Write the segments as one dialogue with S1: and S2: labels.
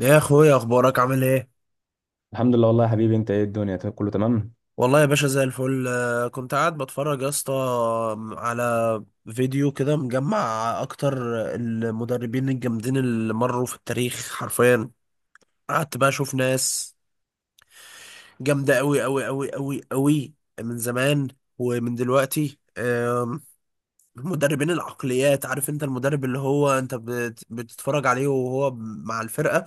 S1: يا اخويا، اخبارك عامل ايه؟
S2: الحمد لله، والله يا حبيبي. انت ايه الدنيا طيب، كله تمام.
S1: والله يا باشا زي الفل، كنت قاعد بتفرج يا اسطى على فيديو كده مجمع اكتر المدربين الجامدين اللي مروا في التاريخ حرفيا. قعدت بقى اشوف ناس جامده قوي قوي قوي قوي قوي من زمان ومن دلوقتي. مدربين العقليات. عارف انت المدرب اللي هو انت بتتفرج عليه وهو مع الفرقه،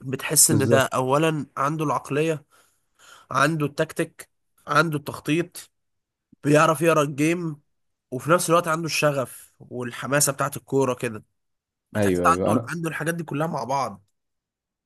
S1: بتحس ان ده
S2: بالظبط.
S1: اولا عنده العقليه، عنده التكتيك، عنده التخطيط، بيعرف يقرا الجيم، وفي نفس الوقت عنده الشغف والحماسه بتاعت الكوره كده. تحس
S2: ايوه ايوه،
S1: عنده
S2: انا
S1: عنده الحاجات دي كلها مع بعض.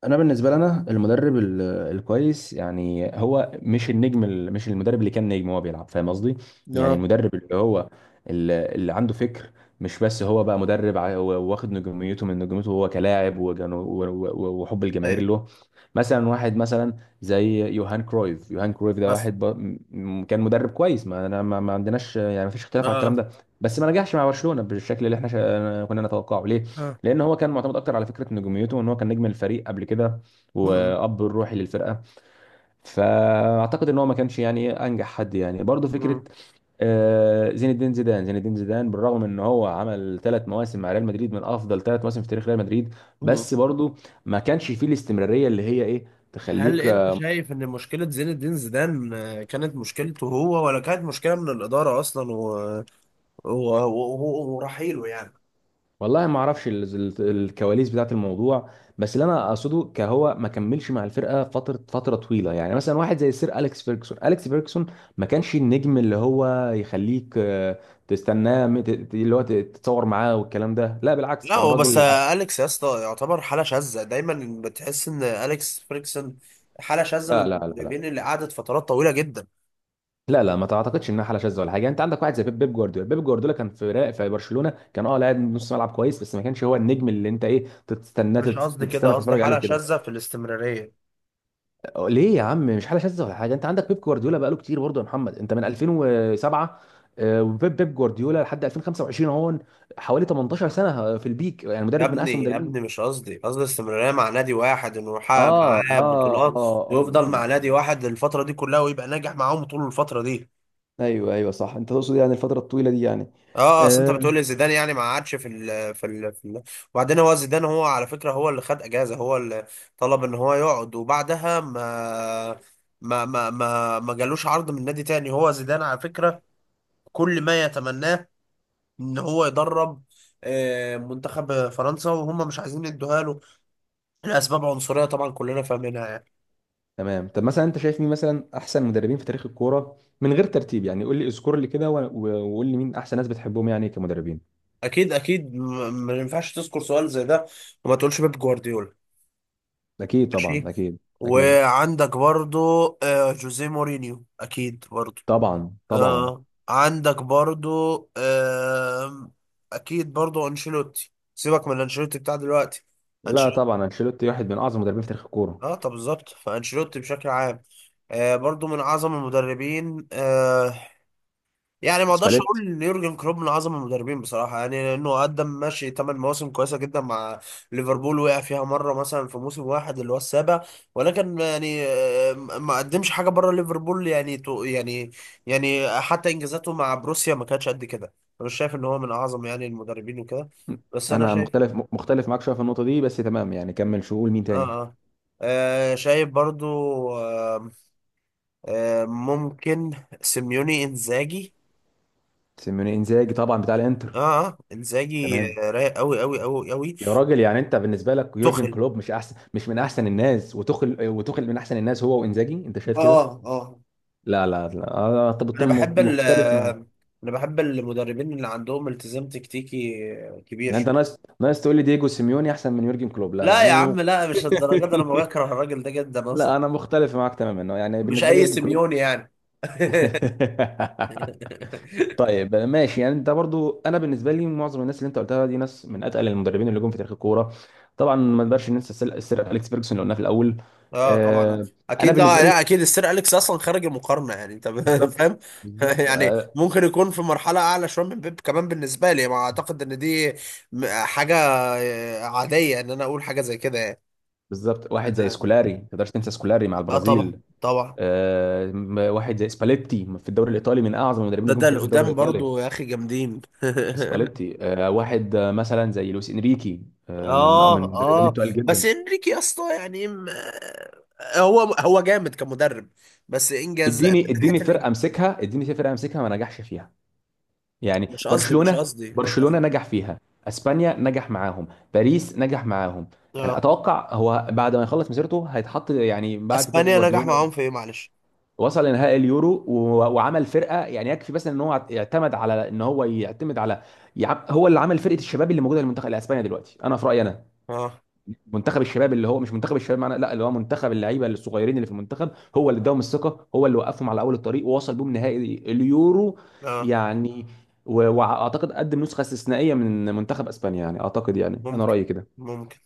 S2: انا بالنسبه لنا المدرب الكويس يعني هو مش النجم، مش المدرب اللي كان نجم وهو بيلعب. فاهم قصدي؟ يعني
S1: اه،
S2: المدرب اللي هو اللي عنده فكر، مش بس هو بقى مدرب. هو واخد نجوميته من نجوميته هو كلاعب و و-حب الجماهير
S1: ايه،
S2: له. مثلا واحد مثلا زي يوهان كرويف. يوهان كرويف ده
S1: بس،
S2: واحد كان مدرب كويس. ما أنا ما ما عندناش، يعني ما فيش اختلاف على الكلام
S1: اه
S2: ده. بس ما نجحش مع برشلونه بالشكل اللي احنا كنا نتوقعه، ليه؟
S1: اه.
S2: لان هو كان معتمد اكتر على فكره نجوميته، ان هو كان نجم الفريق قبل كده،
S1: مم.
S2: واب الروحي للفرقه. فاعتقد ان هو ما كانش يعني إيه انجح حد، يعني برضه فكره.
S1: مم.
S2: زين الدين زيدان. زين الدين زيدان بالرغم ان هو عمل ثلاث مواسم مع ريال مدريد من افضل ثلاث مواسم في تاريخ ريال مدريد،
S1: مم.
S2: بس برضه ما كانش فيه الاستمراريه اللي هي ايه،
S1: هل
S2: تخليك.
S1: انت شايف ان مشكله زين الدين زيدان، كانت مشكلته هو، ولا كانت مشكله من الاداره اصلا ورحيله يعني؟
S2: والله ما اعرفش الكواليس بتاعت الموضوع. بس اللي انا اقصده كهو ما كملش مع الفرقه فتره طويله. يعني مثلا واحد زي السير اليكس فيرجسون. اليكس فيرجسون ما كانش النجم اللي هو يخليك، تستناه، اللي هو تتصور معاه والكلام ده، لا بالعكس،
S1: لا
S2: كان
S1: هو بس
S2: راجل
S1: اليكس يا اسطى يعتبر حاله شاذه، دايما بتحس ان اليكس فريكسون حاله شاذه
S2: لا
S1: من
S2: لا لا لا.
S1: المدربين اللي قعدت فترات طويله جدا.
S2: لا لا، ما تعتقدش انها حاله شاذه ولا حاجه. انت عندك واحد زي بيب. بيب جوارديولا كان في برشلونه. كان اه لاعب نص ملعب كويس بس ما كانش هو النجم اللي انت ايه تستناه،
S1: مش قصدي كده،
S2: تستنى
S1: قصدي
S2: تتفرج عليه
S1: حالة
S2: وكده.
S1: شاذة في الاستمرارية.
S2: أه، ليه يا عم؟ مش حاله شاذه ولا حاجه. انت عندك بيب جوارديولا بقاله كتير برضه يا محمد، انت من 2007، وبيب. جوارديولا لحد 2025 اهو، حوالي 18 سنه في البيك، يعني
S1: يا
S2: مدرب من
S1: ابني
S2: احسن
S1: يا
S2: المدربين.
S1: ابني، مش قصدي، قصدي الاستمرارية مع نادي واحد، انه
S2: اه
S1: يحقق معاه
S2: اه اه.
S1: بطولات
S2: آه.
S1: ويفضل مع نادي
S2: آه.
S1: واحد الفترة دي كلها ويبقى ناجح معاهم طول الفترة دي.
S2: ايوه ايوه صح، انت تقصد يعني الفتره الطويله دي يعني.
S1: اه، اصل انت
S2: آه،
S1: بتقول لي زيدان يعني ما قعدش في ال في ال في ال وبعدين هو زيدان هو على فكرة، هو اللي خد اجازة، هو اللي طلب ان هو يقعد، وبعدها ما جالوش عرض من نادي تاني. هو زيدان على فكرة كل ما يتمناه ان هو يدرب منتخب فرنسا، وهم مش عايزين يدوها له لاسباب عنصريه طبعا كلنا فاهمينها يعني.
S2: تمام. طب مثلا انت شايف مين مثلا احسن مدربين في تاريخ الكوره من غير ترتيب؟ يعني قول لي، اذكر لي كده و و-قول لي مين احسن ناس بتحبهم يعني كمدربين.
S1: اكيد اكيد، ما ينفعش تذكر سؤال زي ده وما تقولش بيب جوارديولا.
S2: اكيد، طبعا
S1: ماشي.
S2: اكيد. اكيد
S1: وعندك برضو جوزيه مورينيو اكيد برضو.
S2: طبعا، طبعا.
S1: عندك برضو آه، اكيد برضو انشيلوتي، سيبك من انشيلوتي بتاع دلوقتي.
S2: لا
S1: انشيلوتي،
S2: طبعا، انشيلوتي واحد من اعظم المدربين في تاريخ الكوره.
S1: اه طب بالظبط فانشيلوتي بشكل عام برضو من اعظم المدربين. يعني ما اقدرش
S2: سباليتي.
S1: اقول ان يورجن كلوب من اعظم المدربين بصراحه، يعني لانه قدم ماشي ثمان مواسم كويسه جدا مع ليفربول وقع فيها مره مثلا في موسم واحد اللي هو السابع، ولكن يعني ما قدمش حاجه بره ليفربول يعني يعني حتى انجازاته مع بروسيا ما كانتش قد كده. انا مش شايف ان هو من اعظم يعني المدربين وكده، بس انا
S2: انا
S1: شايف.
S2: مختلف معاك شويه في النقطه دي، بس تمام، يعني كمل. شو، قول مين
S1: اه
S2: تاني؟
S1: اه، شايف برضو. آه آه ممكن. سيميوني، انزاجي.
S2: سيميوني، انزاجي طبعا بتاع الانتر.
S1: اه اه، انزاجي
S2: تمام.
S1: رايق قوي قوي قوي قوي.
S2: يا راجل، يعني انت بالنسبه لك يورجن
S1: تخل،
S2: كلوب مش احسن، مش من احسن الناس، وتخل من احسن الناس هو وانزاجي؟ انت شايف
S1: اه
S2: كده؟
S1: اه.
S2: لا لا لا، انا طب
S1: انا
S2: طب.
S1: بحب ال،
S2: مختلف معاك.
S1: انا بحب المدربين اللي عندهم التزام تكتيكي كبير
S2: يعني انت،
S1: شوية.
S2: ناس تقول لي دييجو سيميوني احسن من يورجن كلوب؟ لا لا
S1: لا
S2: انا.
S1: يا عم لا، مش الدرجات دي، انا بكره الراجل ده جدا اصلا.
S2: لا، انا مختلف معاك تماما، يعني
S1: مش
S2: بالنسبه لي
S1: اي
S2: يورجن كلوب.
S1: سيميوني يعني.
S2: طيب ماشي. يعني انت برضو، انا بالنسبه لي معظم الناس اللي انت قلتها دي ناس من اتقل المدربين اللي جم في تاريخ الكوره. طبعا ما نقدرش ننسى سير اليكس فيرجسون اللي قلناه في الاول.
S1: اه طبعا
S2: آه. انا
S1: اكيد، لا
S2: بالنسبه لي،
S1: لا اكيد السير اليكس اصلا خارج المقارنه، يعني انت
S2: بالظبط،
S1: فاهم.
S2: بالظبط
S1: يعني
S2: آه
S1: ممكن يكون في مرحله اعلى شويه من بيب كمان، بالنسبه لي ما اعتقد ان دي حاجه عاديه ان انا اقول حاجه زي كده يعني.
S2: بالظبط. واحد زي سكولاري، ما تقدرش تنسى سكولاري مع
S1: اه طبعا
S2: البرازيل.
S1: طبعا،
S2: واحد زي سباليتي في الدوري الايطالي، من اعظم المدربين اللي
S1: ده
S2: جم
S1: ده
S2: في تاريخ الدوري
S1: القدام
S2: الايطالي.
S1: برضو يا اخي جامدين.
S2: سباليتي واحد، مثلا زي لويس انريكي، من
S1: اه
S2: من المدربين
S1: اه،
S2: التقال
S1: بس
S2: جدا.
S1: انريكي يا اسطى يعني هو هو جامد كمدرب، بس انجاز من
S2: اديني،
S1: ناحيه
S2: اديني فرقه امسكها، اديني فرقه امسكها ما نجحش فيها، يعني
S1: مش قصدي مش
S2: برشلونة.
S1: قصدي مش
S2: برشلونة
S1: قصدي.
S2: نجح فيها، اسبانيا نجح معاهم، باريس نجح معاهم. يعني
S1: اه،
S2: اتوقع هو بعد ما يخلص مسيرته هيتحط يعني بعد بيب
S1: اسبانيا نجح
S2: جوارديولا.
S1: معاهم في ايه معلش؟
S2: وصل لنهائي اليورو و و-عمل فرقه. يعني يكفي بس ان هو يعتمد على، ان هو يعتمد على، هو اللي عمل فرقه الشباب اللي موجوده في المنتخب الاسباني دلوقتي. انا في رايي انا،
S1: اه
S2: منتخب الشباب اللي هو مش منتخب الشباب معنا، لا اللي هو منتخب اللعيبه الصغيرين اللي في المنتخب. هو اللي اداهم الثقه، هو اللي وقفهم على اول الطريق ووصل بيهم نهائي اليورو.
S1: اه
S2: يعني و و-اعتقد قدم نسخه استثنائيه من منتخب اسبانيا، يعني اعتقد، يعني انا
S1: ممكن
S2: رايي كده.
S1: ممكن.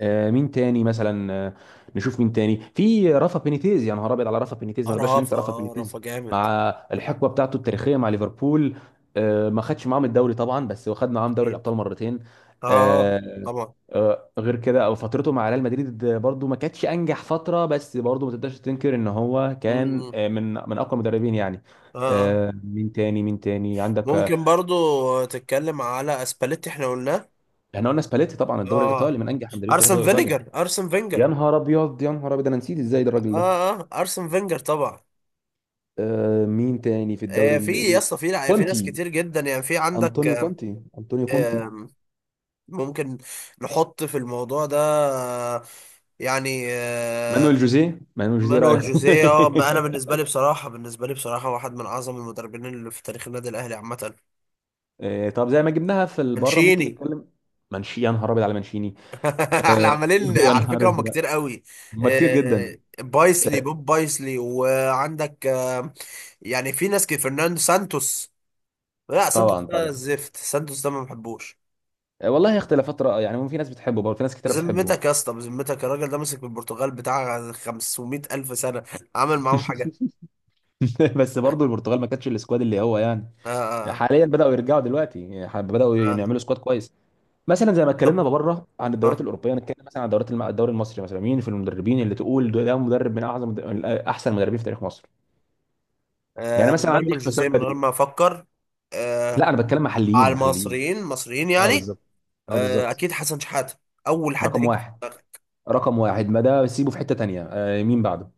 S2: مين تاني مثلا؟ نشوف مين تاني. في رافا بينيتيز. يا نهار ابيض على رافا بينيتيز، ما نقدرش
S1: رافا،
S2: ننسى رافا
S1: اه رافا
S2: بينيتيز مع
S1: جامد.
S2: الحقبه بتاعته التاريخيه مع ليفربول. ما خدش معاهم الدوري طبعا، بس واخد معاهم دوري
S1: اكيد
S2: الابطال مرتين.
S1: اه
S2: آه،
S1: طبعا.
S2: غير كده، او فترته مع ريال مدريد برضو ما كانتش انجح فتره، بس برضو ما تقدرش تنكر ان هو
S1: م-
S2: كان
S1: م.
S2: من من اقوى المدربين يعني.
S1: اه آه.
S2: مين تاني؟ مين تاني عندك؟
S1: ممكن برضو تتكلم على اسباليتي، احنا قلناه.
S2: احنا قلنا سباليتي طبعا، الدوري
S1: اه،
S2: الايطالي، من انجح المدربين في تاريخ
S1: ارسن
S2: الدوري الايطالي.
S1: فينيجر، ارسن
S2: يا
S1: فينجر.
S2: نهار ابيض، يا نهار ابيض، انا نسيت ازاي ده الراجل
S1: اه
S2: ده.
S1: اه، ارسن فينجر طبعا.
S2: مين تاني في الدوري
S1: في يا اسطى في في ناس
S2: كونتي،
S1: كتير جدا يعني. في عندك
S2: انطونيو
S1: آه،
S2: كونتي.
S1: آه، ممكن نحط في الموضوع ده آه، يعني آه.
S2: مانويل جوزيه. مانويل جوزيه، رايك؟
S1: مانويل جوزيه، انا بالنسبه لي بصراحه، بالنسبه لي بصراحه، واحد من اعظم المدربين اللي في تاريخ النادي الاهلي عامه.
S2: طب زي ما جبناها في بره، ممكن
S1: منشيني.
S2: نتكلم. منشي. يا نهار ابيض على منشيني.
S1: احنا
S2: آه
S1: عمالين
S2: يا
S1: على
S2: نهار
S1: فكره هم
S2: ازرق،
S1: كتير قوي.
S2: هم كتير جدا.
S1: آه، بايسلي،
S2: آه
S1: بوب بايسلي، وعندك آه، يعني في ناس كتير. فرناندو سانتوس، لا سانتوس
S2: طبعا
S1: ده
S2: طبعا.
S1: زفت، سانتوس ده ما بحبوش.
S2: والله اختلافات رأي يعني، في ناس بتحبه برضه، في ناس كتير بتحبه.
S1: بذمتك يا اسطى، بذمتك الراجل ده مسك البرتغال بتاع 500 ألف سنة، عمل معاهم حاجة؟
S2: بس برضه البرتغال ما كانتش السكواد اللي هو يعني،
S1: آه آه
S2: حاليا بدأوا يرجعوا دلوقتي، يعني بدأوا
S1: آه.
S2: يعملوا سكواد كويس. مثلا زي ما اتكلمنا
S1: طب،
S2: بره عن الدوريات
S1: آه
S2: الاوروبيه، نتكلم مثلا عن الدوريات الدوري المصري. مثلا مين في المدربين اللي تقول ده ده مدرب من اعظم، من احسن المدربين في تاريخ مصر؟ يعني مثلا
S1: مانويل
S2: عندي حسام
S1: جوزيه من غير
S2: البدري.
S1: ما أفكر.
S2: لا
S1: آه
S2: انا بتكلم
S1: على
S2: محليين.
S1: المصريين، مصريين
S2: اه،
S1: يعني.
S2: بالظبط. اه بالظبط.
S1: أكيد حسن شحاتة أول حد
S2: رقم
S1: هيجي في
S2: واحد.
S1: دماغك.
S2: رقم واحد، ما ده سيبه في حته تانيه. مين بعده؟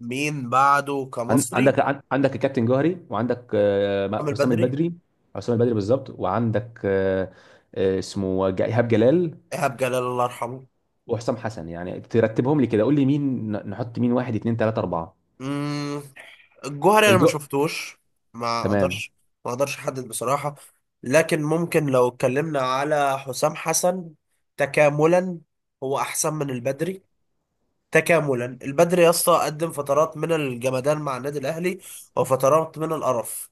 S1: مين بعده كمصري؟
S2: عندك الكابتن جوهري، وعندك
S1: عامل
S2: حسام
S1: بدري.
S2: البدري. حسام البدري بالظبط. وعندك اسمه ايهاب جلال.
S1: إيهاب جلال الله يرحمه.
S2: وحسام حسن. يعني ترتبهم لي كده، قول لي مين نحط مين واحد اتنين تلاته اربعه.
S1: مم. الجوهري انا ما شفتوش، ما
S2: تمام.
S1: اقدرش، ما اقدرش احدد بصراحة. لكن ممكن لو اتكلمنا على حسام حسن، تكاملا هو احسن من البدري. تكاملا البدري يا اسطى قدم فترات من الجمدان مع النادي الاهلي وفترات من القرف.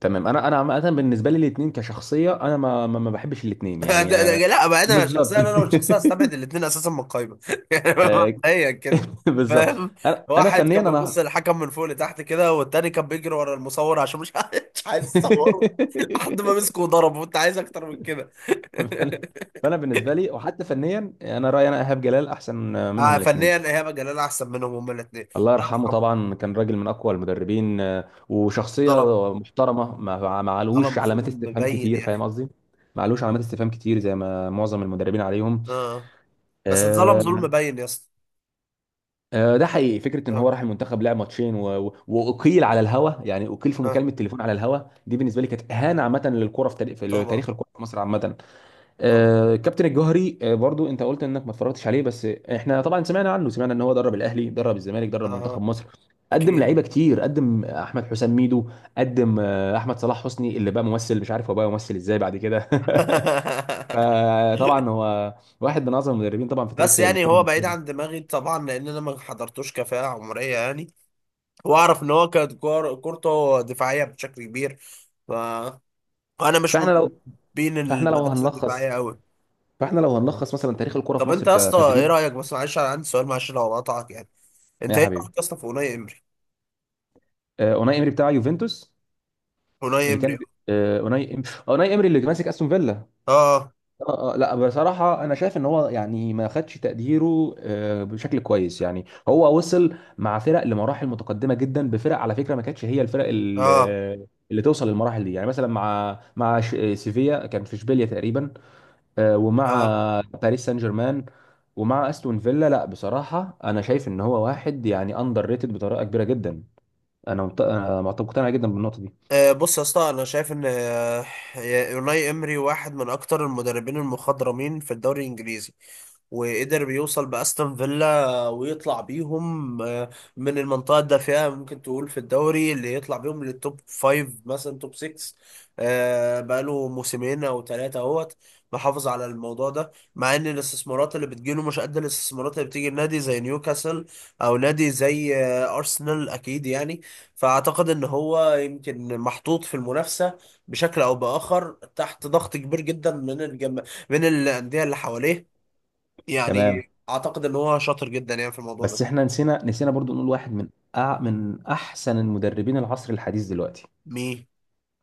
S2: تمام. انا انا عامه بالنسبه لي الاثنين كشخصيه، انا ما بحبش الاثنين، يعني
S1: لا بقى انا
S2: بالظبط.
S1: شخصيا، انا والشخصيه، استبعد الاثنين اساسا من القايمه، يعني
S2: آه،
S1: مبدئيا كده.
S2: بالظبط.
S1: فاهم،
S2: انا انا
S1: واحد
S2: فنيا
S1: كان بيبص
S2: انا.
S1: للحكم من فوق لتحت كده، والتاني كان بيجري ورا المصور عشان مش عايز، مش عايز يصوره لحد ما مسكه وضربه، وانت عايز اكتر من كده.
S2: فانا، فأنا بالنسبه لي وحتى فنيا، انا رايي انا ايهاب جلال احسن منهم
S1: آه
S2: الاثنين
S1: فنيا
S2: بصراحه.
S1: ايهاب جلال احسن منهم هما الاثنين.
S2: الله
S1: لا
S2: يرحمه،
S1: طبعاً.
S2: طبعا كان راجل من اقوى المدربين، وشخصيه
S1: ظلم،
S2: محترمه، ما علوش
S1: ظلم
S2: علامات
S1: ظلم
S2: استفهام
S1: مبين
S2: كتير،
S1: يا اخي.
S2: فاهم قصدي. ما علوش علامات استفهام كتير زي ما معظم المدربين عليهم.
S1: اه، بس اتظلم ظلم
S2: آه،
S1: مبين يا اسطى.
S2: ده حقيقي، فكره ان هو
S1: اه
S2: راح المنتخب لعب ماتشين و و...اقيل على الهوا، يعني اقيل في
S1: اه
S2: مكالمه تليفون على الهوا. دي بالنسبه لي كانت اهانه عامه للكره في تاريخ، في لتاريخ
S1: طبعا
S2: الكره في مصر عامه.
S1: طبعا.
S2: كابتن الجوهري برضو انت قلت انك ما اتفرجتش عليه، بس احنا طبعا سمعنا عنه، سمعنا ان هو درب الاهلي، درب الزمالك، درب منتخب
S1: اه
S2: مصر. قدم
S1: اكيد.
S2: لعيبه كتير، قدم احمد حسام ميدو، قدم احمد صلاح حسني اللي بقى ممثل، مش عارف هو بقى ممثل ازاي بعد كده. فطبعا هو واحد من اعظم المدربين طبعا في
S1: بس
S2: تاريخ
S1: يعني
S2: الكره
S1: هو بعيد
S2: المصريه.
S1: عن دماغي طبعا لان انا ما حضرتوش كفاءة عمرية يعني. واعرف ان هو كانت كورته دفاعية بشكل كبير، ف انا مش من
S2: فاحنا لو
S1: بين
S2: فاحنا لو
S1: المدرسة الدفاعية
S2: هنلخص
S1: قوي.
S2: فاحنا لو هنلخص مثلا تاريخ الكرة في
S1: طب انت
S2: مصر
S1: يا اسطى ايه
S2: كتدريب.
S1: رأيك، بس معلش انا عندي سؤال، معلش لو قطعك يعني، انت
S2: يا
S1: ايه
S2: حبيبي،
S1: رأيك يا اسطى في اوناي امري؟
S2: اوناي امري بتاع يوفنتوس.
S1: اوناي
S2: اللي
S1: امري،
S2: كان آه، اوناي إم... اوناي امري اللي ماسك استون فيلا.
S1: اه
S2: لا بصراحة أنا شايف إن هو يعني ما خدش تقديره بشكل كويس. يعني هو وصل مع فرق لمراحل متقدمة جدا بفرق، على فكرة ما كانتش هي الفرق
S1: اه
S2: اللي توصل للمراحل دي. يعني مثلا مع مع سيفيا، كان في إشبيليا تقريبا. ومع
S1: اه،
S2: باريس سان جيرمان، ومع استون فيلا. لا بصراحه انا شايف ان هو واحد يعني اندر ريتد بطريقه كبيره جدا. انا أنا مقتنع جدا بالنقطه دي.
S1: بص يا اسطى انا شايف ان يوناي امري واحد من اكتر المدربين المخضرمين في الدوري الانجليزي، وقدر يوصل باستون فيلا ويطلع بيهم من المنطقه الدافئه. ممكن تقول في الدوري اللي يطلع بيهم للتوب فايف، مثلا توب 6. بقاله موسمين او ثلاثه اهوت محافظ على الموضوع ده، مع ان الاستثمارات اللي بتجيله مش قد الاستثمارات اللي بتيجي النادي زي نيوكاسل او نادي زي ارسنال اكيد يعني. فاعتقد ان هو يمكن محطوط في المنافسه بشكل او باخر تحت ضغط كبير جدا من من الانديه اللي حواليه،
S2: تمام.
S1: يعني اعتقد ان هو شاطر جدا يعني في الموضوع ده.
S2: بس احنا نسينا برضو نقول واحد من من احسن المدربين العصر الحديث دلوقتي.
S1: مين؟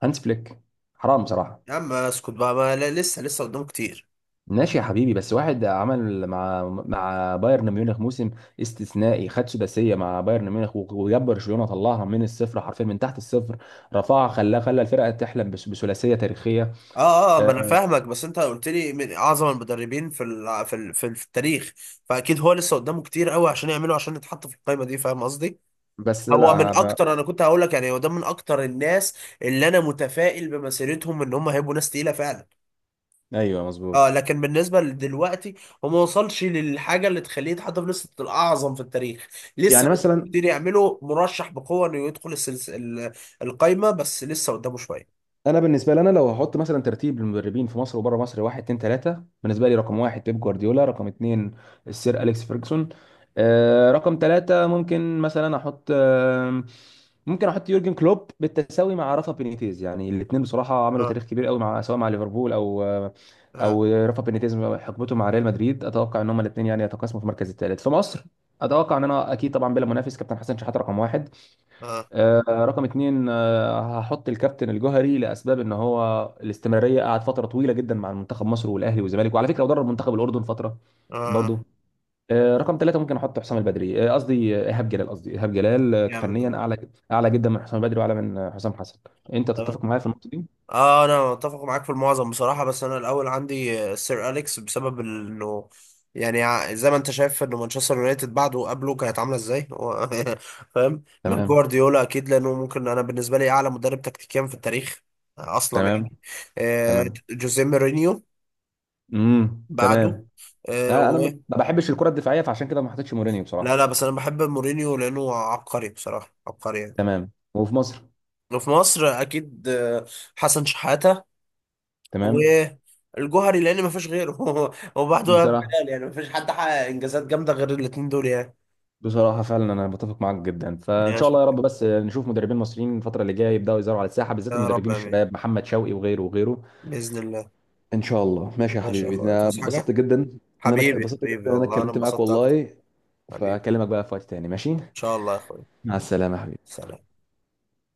S2: هانس فليك. حرام بصراحه.
S1: يا عم اسكت بقى ما، لا لسه لسه قدامه كتير.
S2: ماشي يا حبيبي، بس واحد عمل مع بايرن ميونخ موسم استثنائي، خد سداسيه مع بايرن ميونخ و و-جاب برشلونه، طلعها من الصفر حرفيا، من تحت الصفر رفعها، خلاها، خلى الفرقه تحلم بثلاثيه تاريخيه.
S1: اه اه، ما انا
S2: آه،
S1: فاهمك بس انت قلت لي من اعظم المدربين في في التاريخ، فاكيد هو لسه قدامه كتير قوي عشان يعمله عشان يتحط في القائمه دي. فاهم قصدي،
S2: بس
S1: هو
S2: لا انا
S1: من اكتر، انا كنت هقول لك يعني هو ده من اكتر الناس اللي انا متفائل بمسيرتهم ان هم هيبقوا ناس تقيله فعلا.
S2: ايوه مظبوط.
S1: اه، لكن بالنسبه لدلوقتي هو ما وصلش للحاجه اللي تخليه يتحط في لسته الاعظم في التاريخ. لسه
S2: يعني مثلا،
S1: قدامه كتير يعمله، مرشح بقوه انه يدخل القايمه، بس لسه قدامه شويه.
S2: انا بالنسبه لي، انا لو هحط مثلا ترتيب المدربين في مصر وبره مصر واحد اتنين تلاته: بالنسبه لي رقم واحد بيب جوارديولا، رقم اتنين السير اليكس فيرجسون. رقم تلاته ممكن مثلا احط ممكن احط يورجن كلوب بالتساوي مع رافا بينيتيز. يعني الاثنين بصراحه عملوا
S1: اه
S2: تاريخ كبير قوي، مع سواء مع ليفربول او
S1: اه
S2: او رافا بينيتيز حقبته مع ريال مدريد. اتوقع ان هم الاثنين يعني يتقاسموا في المركز الثالث. في مصر اتوقع، ان انا اكيد طبعا بلا منافس، كابتن حسن شحاته رقم واحد.
S1: اه
S2: رقم اتنين هحط الكابتن الجوهري لاسباب ان هو الاستمراريه، قعد فتره طويله جدا مع منتخب مصر والاهلي والزمالك، وعلى فكره ودرب منتخب الاردن فتره
S1: اه
S2: برضو. رقم ثلاثة ممكن احط حسام البدري، قصدي ايهاب جلال. قصدي ايهاب جلال
S1: جامد
S2: فنيا
S1: والله.
S2: اعلى، اعلى جدا من حسام البدري، واعلى من حسام حسن. انت تتفق معايا في النقطه دي؟
S1: اه، انا متفق معاك في المعظم بصراحه، بس انا الاول عندي سير اليكس بسبب انه يعني زي ما انت شايف انه مانشستر يونايتد بعده وقبله كانت عامله ازاي هو. فاهم، مع
S2: تمام.
S1: جوارديولا اكيد لانه ممكن انا بالنسبه لي اعلى مدرب تكتيكيا في التاريخ اصلا
S2: تمام.
S1: يعني. آه،
S2: تمام.
S1: جوزيه مورينيو بعده
S2: تمام.
S1: آه،
S2: انا
S1: و
S2: ما بحبش الكره الدفاعيه فعشان كده ما حطيتش مورينيو
S1: لا
S2: بصراحه.
S1: لا، بس انا بحب مورينيو لانه عبقري بصراحه، عبقري يعني.
S2: تمام. وفي مصر،
S1: وفي مصر اكيد حسن شحاته
S2: تمام.
S1: والجوهري لان ما فيش غيره. هو بعده يا
S2: بصراحه،
S1: بلال يعني ما فيش حد حقق انجازات جامده غير الاثنين دول يعني.
S2: بصراحة فعلا أنا بتفق معاك جدا. فإن شاء الله
S1: ماشي،
S2: يا رب، بس نشوف مدربين مصريين الفترة اللي جاية يبدأوا يظهروا على الساحة، بالذات
S1: يا رب،
S2: المدربين
S1: امين،
S2: الشباب، محمد شوقي وغيره وغيره.
S1: باذن الله.
S2: إن شاء الله ماشي يا
S1: ماشي يا
S2: حبيبي.
S1: اخويا،
S2: أنا
S1: توس
S2: اتبسطت
S1: حاجه.
S2: جدا،
S1: حبيبي حبيبي
S2: إن أنا
S1: والله انا
S2: اتكلمت معاك
S1: انبسطت اكتر.
S2: والله.
S1: حبيبي ان
S2: فأكلمك بقى في وقت تاني. ماشي،
S1: شاء الله يا اخويا.
S2: مع السلامة يا حبيبي.
S1: سلام.